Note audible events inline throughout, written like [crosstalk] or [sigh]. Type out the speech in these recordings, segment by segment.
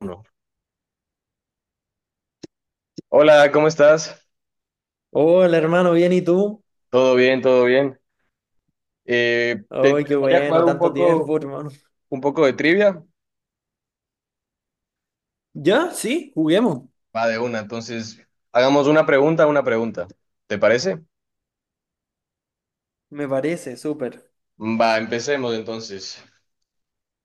Uno. Hola, ¿cómo estás? Hola hermano, ¿bien y tú? Todo bien, todo bien. ¿Te Ay, qué interesaría jugar bueno, tanto tiempo, hermano. un poco de trivia? Ya, sí, juguemos. Va de una, entonces hagamos una pregunta, una pregunta. ¿Te parece? Me parece, súper. Va, empecemos entonces.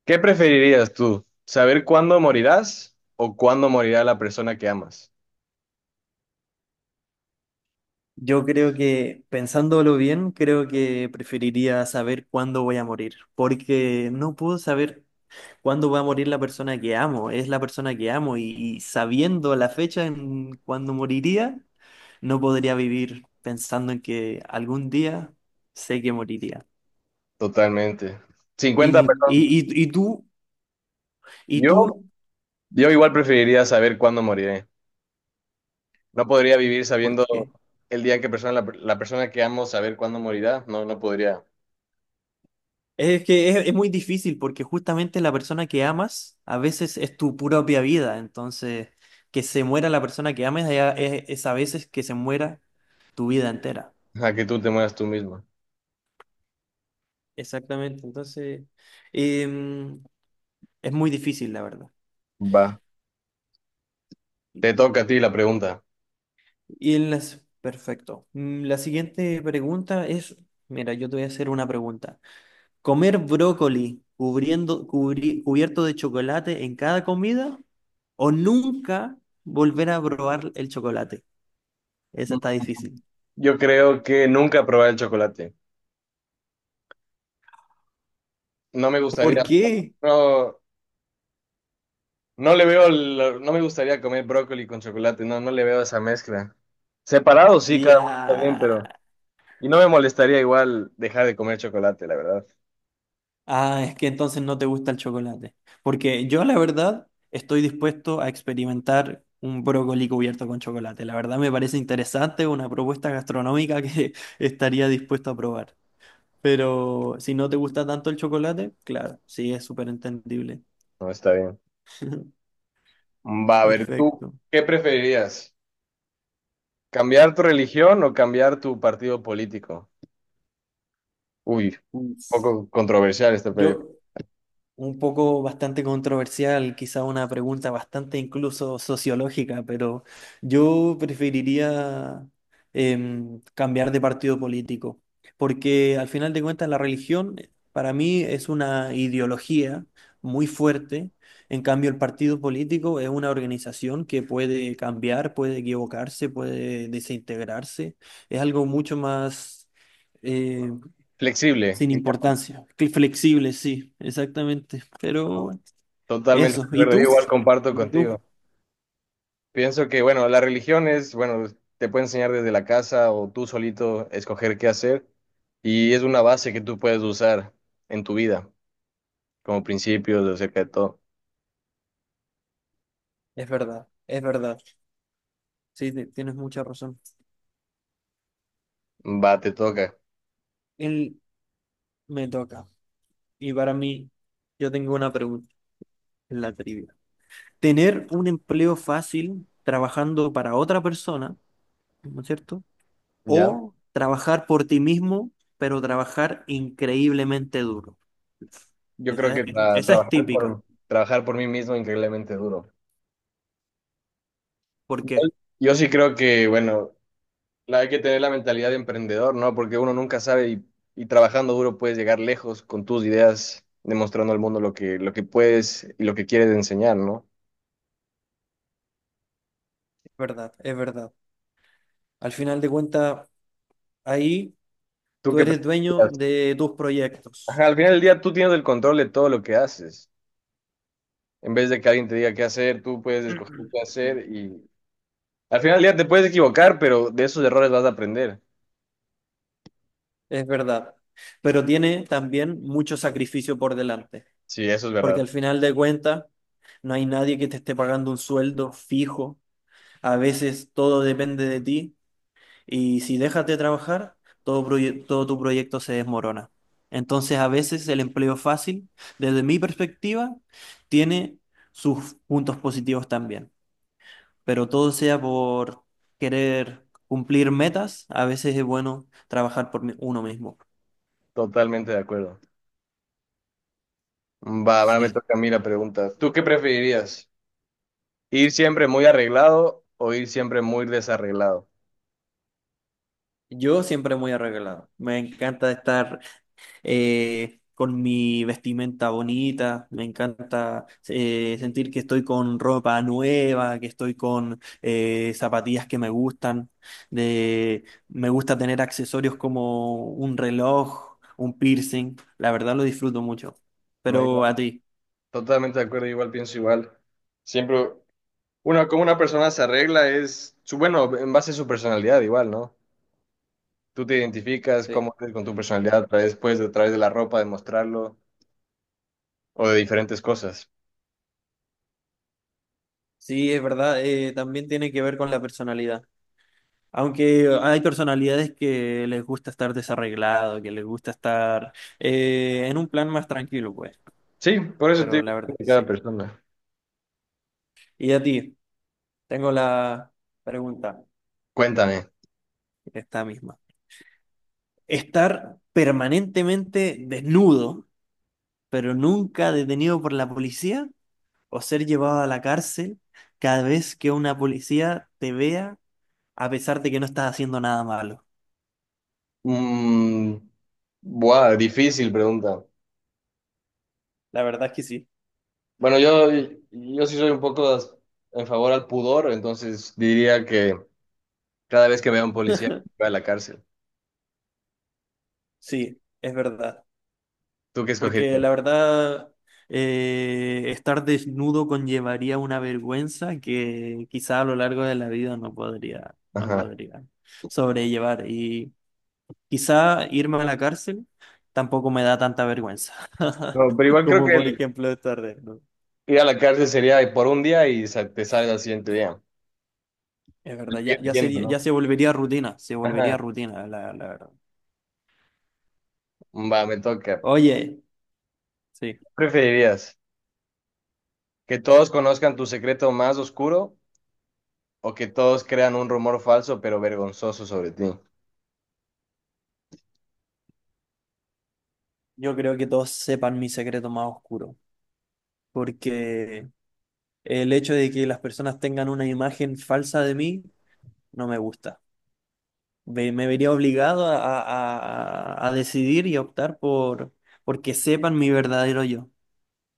¿Qué preferirías tú? ¿Saber cuándo morirás o cuándo morirá la persona que amas? Yo creo que, pensándolo bien, creo que preferiría saber cuándo voy a morir, porque no puedo saber cuándo va a morir la persona que amo, es la persona que amo y sabiendo la fecha en cuándo moriría, no podría vivir pensando en que algún día sé que moriría. Totalmente. 50 ¿Y, personas. y tú? ¿Y Yo, tú? yo igual preferiría saber cuándo moriré. No podría vivir ¿Por sabiendo qué? el día en que la persona que amo saber cuándo morirá. No, no podría. Es que es muy difícil porque justamente la persona que amas a veces es tu propia vida, entonces que se muera la persona que ames ya es a veces que se muera tu vida entera. Ajá, que tú te mueras tú misma. Exactamente, entonces em, es muy difícil la verdad. Va. Te toca a ti la pregunta. Perfecto. La siguiente pregunta es, mira, yo te voy a hacer una pregunta. ¿Comer brócoli cubierto de chocolate en cada comida o nunca volver a probar el chocolate? Esa está difícil. Yo creo que nunca probar el chocolate. No me ¿Por gustaría, qué? no, no le veo, no me gustaría comer brócoli con chocolate, no, no le veo esa mezcla. Separado sí, cada uno también, pero. Ya. Y no me molestaría igual dejar de comer chocolate, la verdad. Ah, es que entonces no te gusta el chocolate. Porque yo, la verdad, estoy dispuesto a experimentar un brócoli cubierto con chocolate. La verdad me parece interesante una propuesta gastronómica que [laughs] estaría dispuesto a probar. Pero si no te gusta tanto el chocolate, claro, sí, es súper entendible. No está bien. [laughs] Va, a ver, ¿tú Perfecto. qué preferirías? ¿Cambiar tu religión o cambiar tu partido político? Uy, un Uf. poco controversial esta, pero Yo, un poco bastante controversial, quizá una pregunta bastante incluso sociológica, pero yo preferiría cambiar de partido político, porque al final de cuentas la religión para mí es una ideología muy fuerte, en cambio el partido político es una organización que puede cambiar, puede equivocarse, puede desintegrarse, es algo mucho más eh, flexible. sin importancia. Flexible, sí, exactamente. Pero bueno, Totalmente de eso. ¿Y acuerdo, yo tú? igual comparto ¿Y tú? contigo. Pienso que, bueno, la religión es, bueno, te puede enseñar desde la casa o tú solito escoger qué hacer y es una base que tú puedes usar en tu vida como principios acerca de todo. Es verdad, es verdad. Sí, tienes mucha razón. Va, te toca, Él me toca. Y para mí, yo tengo una pregunta en la trivia. ¿Tener un empleo fácil trabajando para otra persona, ¿no es cierto? ¿ya? ¿O trabajar por ti mismo, pero trabajar increíblemente duro? Yo creo Esa es, que esa es típica. Trabajar por mí mismo es increíblemente duro. ¿Por qué? Igual, yo sí creo que, bueno, la hay que tener la mentalidad de emprendedor, ¿no? Porque uno nunca sabe y trabajando duro puedes llegar lejos con tus ideas, demostrando al mundo lo que puedes y lo que quieres enseñar, ¿no? Es verdad, es verdad. Al final de cuentas, ahí ¿Tú tú qué eres dueño preferirías? de tus proyectos, Ajá, al final del día tú tienes el control de todo lo que haces. En vez de que alguien te diga qué hacer, tú puedes escoger qué hacer y al final del día te puedes equivocar, pero de esos errores vas a aprender. es verdad. Pero tiene también mucho sacrificio por delante, Sí, eso es porque verdad. al final de cuentas no hay nadie que te esté pagando un sueldo fijo. A veces todo depende de ti y si dejas de trabajar, todo tu proyecto se desmorona. Entonces a veces el empleo fácil, desde mi perspectiva, tiene sus puntos positivos también. Pero todo sea por querer cumplir metas, a veces es bueno trabajar por uno mismo. Totalmente de acuerdo. Va, ahora me Sí, toca a mí la pregunta. ¿Tú qué preferirías? ¿Ir siempre muy arreglado o ir siempre muy desarreglado? yo siempre muy arreglado. Me encanta estar con mi vestimenta bonita, me encanta sentir que estoy con ropa nueva, que estoy con zapatillas que me gustan. Me gusta tener accesorios como un reloj, un piercing. La verdad lo disfruto mucho. No, Pero igual, a ti. totalmente de acuerdo, igual pienso igual. Siempre, uno, como una persona se arregla es, su, bueno, en base a su personalidad igual, ¿no? Tú te identificas cómo eres con tu personalidad a través, pues, a través de la ropa, de mostrarlo, o de diferentes cosas. Sí, es verdad, también tiene que ver con la personalidad. Aunque hay personalidades que les gusta estar desarreglado, que les gusta estar en un plan más tranquilo, pues. Sí, por eso te Pero digo, la depende verdad, de cada sí. persona. Y a ti, tengo la pregunta, Cuéntame. esta misma. ¿Estar permanentemente desnudo, pero nunca detenido por la policía? ¿O ser llevado a la cárcel cada vez que una policía te vea, a pesar de que no estás haciendo nada malo? Mm, buah, difícil pregunta. La verdad es que sí. Bueno, yo sí soy un poco en favor al pudor, entonces diría que cada vez que vea a un policía, va a la cárcel. Sí, es verdad. ¿Tú qué Porque escogerías? la verdad, estar desnudo conllevaría una vergüenza que quizá a lo largo de la vida no podría, no Ajá. podría sobrellevar. Y quizá irme a la cárcel tampoco me da tanta vergüenza [laughs] No, pero igual creo como que por el ejemplo estar desnudo. ir a la cárcel sería de por un día y te sale al siguiente día. Es verdad, ya, Entiendo, ¿no? ya se volvería Ajá. rutina, la verdad. Va, me toca. Oye, sí, ¿Qué preferirías? ¿Que todos conozcan tu secreto más oscuro o que todos crean un rumor falso pero vergonzoso sobre ti? yo creo que todos sepan mi secreto más oscuro. Porque el hecho de que las personas tengan una imagen falsa de mí no me gusta. Me vería obligado a, a decidir y a optar por que sepan mi verdadero yo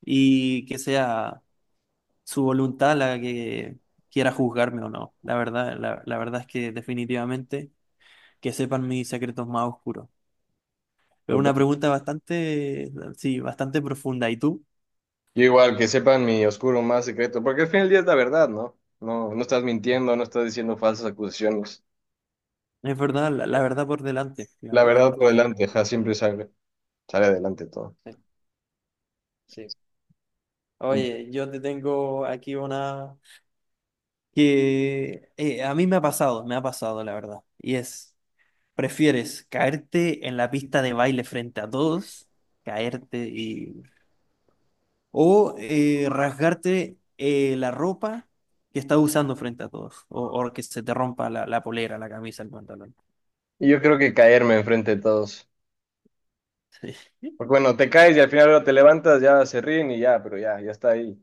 y que sea su voluntad la que quiera juzgarme o no. La verdad, la verdad es que definitivamente que sepan mis secretos más oscuros. Pero Total. una pregunta bastante, sí, bastante profunda. ¿Y tú? Yo igual que sepan mi oscuro más secreto, porque al fin del día es la verdad, ¿no? No, no estás mintiendo, no estás diciendo falsas acusaciones. Es verdad, la verdad por delante, la La verdad verdad por por delante. delante, ja, siempre sale adelante todo. Sí, sí. Oye, yo te tengo aquí una que a mí me ha pasado la verdad. Y es, ¿prefieres caerte en la pista de baile frente a todos, caerte y... o rasgarte la ropa que estás usando frente a todos, o que se te rompa la polera, la camisa, el pantalón? Y yo creo que caerme enfrente de todos. [laughs] Sí, Porque bueno, te caes y al final luego te levantas, ya se ríen y ya, pero ya, ya está ahí.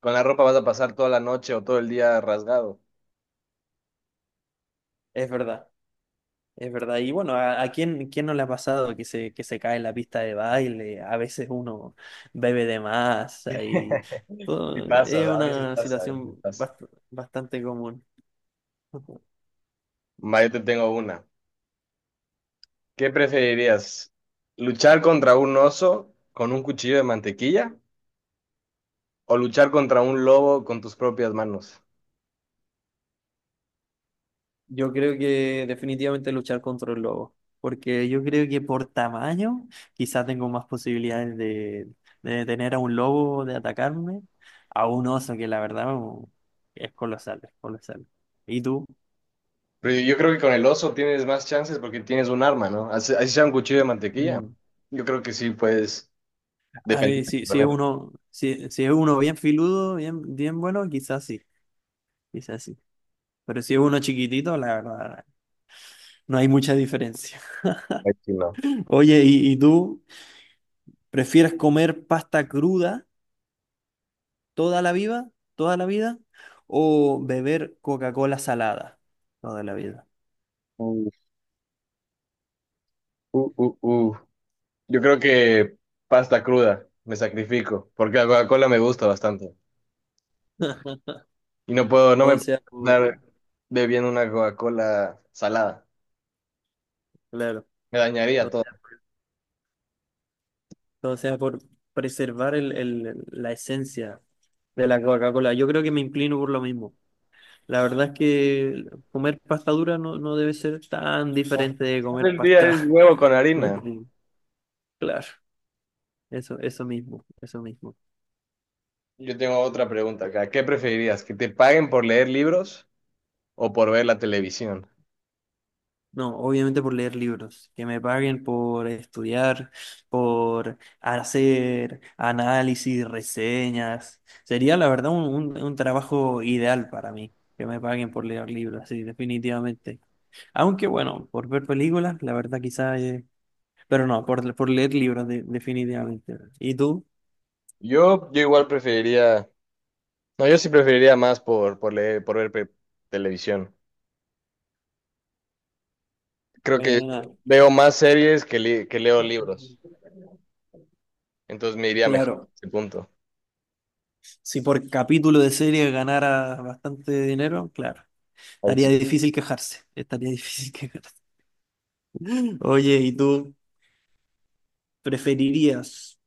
Con la ropa vas a pasar toda la noche o todo el día rasgado. es verdad. Es verdad, y bueno, ¿a quién, no le ha pasado que se cae en la pista de baile? A veces uno bebe de más y [laughs] Sí todo, pasa, es a veces una pasa, a veces situación pasa. Bastante común. [laughs] Va, yo te tengo una. ¿Qué preferirías? ¿Luchar contra un oso con un cuchillo de mantequilla o luchar contra un lobo con tus propias manos? Yo creo que definitivamente luchar contra el lobo, porque yo creo que por tamaño quizás tengo más posibilidades de detener a un lobo, de atacarme, a un oso que la verdad es colosal, es colosal. ¿Y tú? Pero yo creo que con el oso tienes más chances porque tienes un arma, ¿no? Así, así sea un cuchillo de mantequilla. Mm. Yo creo que sí puedes A ver, defenderte si es con eso. uno, si es uno bien filudo, bien, bien bueno, quizás sí, quizás sí. Pero si es uno chiquitito, la verdad, no hay mucha diferencia. Ay, sí, no. [laughs] Oye, ¿y tú prefieres comer pasta cruda toda la vida, o beber Coca-Cola salada toda la vida? Uh, uh, uh, uh. Yo creo que pasta cruda, me sacrifico, porque la Coca-Cola me gusta bastante. [laughs] Y no puedo, no me Todo puedo sea por, estar bebiendo una Coca-Cola salada. claro, Me dañaría todo, todo. todo sea por preservar la esencia de la Coca-Cola. Yo creo que me inclino por lo mismo. La verdad es que comer pasta dura no debe ser tan diferente de comer El día es pasta. huevo con [laughs] harina. verde. Claro, eso mismo, eso mismo. Yo tengo otra pregunta acá. ¿Qué preferirías? ¿Que te paguen por leer libros o por ver la televisión? No, obviamente por leer libros, que me paguen por estudiar, por hacer análisis, reseñas. Sería la verdad un trabajo ideal para mí, que me paguen por leer libros, sí, definitivamente. Aunque bueno, por ver películas, la verdad quizás. Pero no, por leer libros, definitivamente. ¿Y tú? Yo igual preferiría. No, yo sí preferiría más por, leer, por ver televisión. Creo que Buena. veo más series que leo libros. Entonces me iría mejor a Claro, ese punto. si por capítulo de serie ganara bastante dinero, claro, estaría difícil quejarse, estaría difícil [laughs] quejarse. Oye, ¿y tú preferirías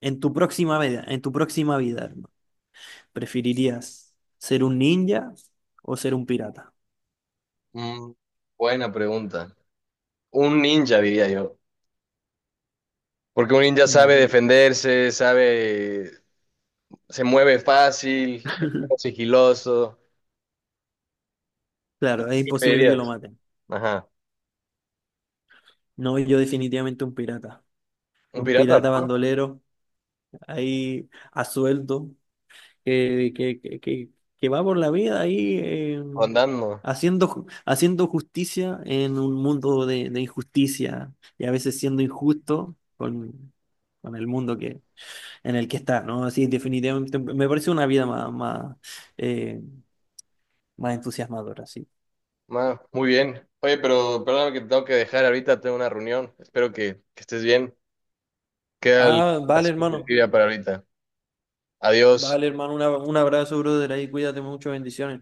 en tu próxima vida, en tu próxima vida, hermano, preferirías ser un ninja o ser un pirata? Mm, buena pregunta. Un ninja, diría yo. Porque un ninja sabe Mm. defenderse, sabe, se mueve fácil, es más [laughs] sigiloso. Claro, es ¿Qué me imposible que lo dirías? maten. Ajá. No, yo definitivamente un pirata. Un Un pirata, pirata ¿no? bandolero ahí a sueldo, que, que, que, que- que va por la vida ahí Andando. Haciendo justicia en un mundo de injusticia y a veces siendo injusto con el mundo en el que está, ¿no? Así definitivamente me parece una vida más, eh, más entusiasmadora, sí. Ma, muy bien. Oye, pero perdóname que te tengo que dejar ahorita, tengo una reunión. Espero que estés bien. Queda Ah, la vale, hermano. supervivencia para ahorita. Adiós. Vale, hermano, un abrazo, brother, ahí cuídate mucho, bendiciones.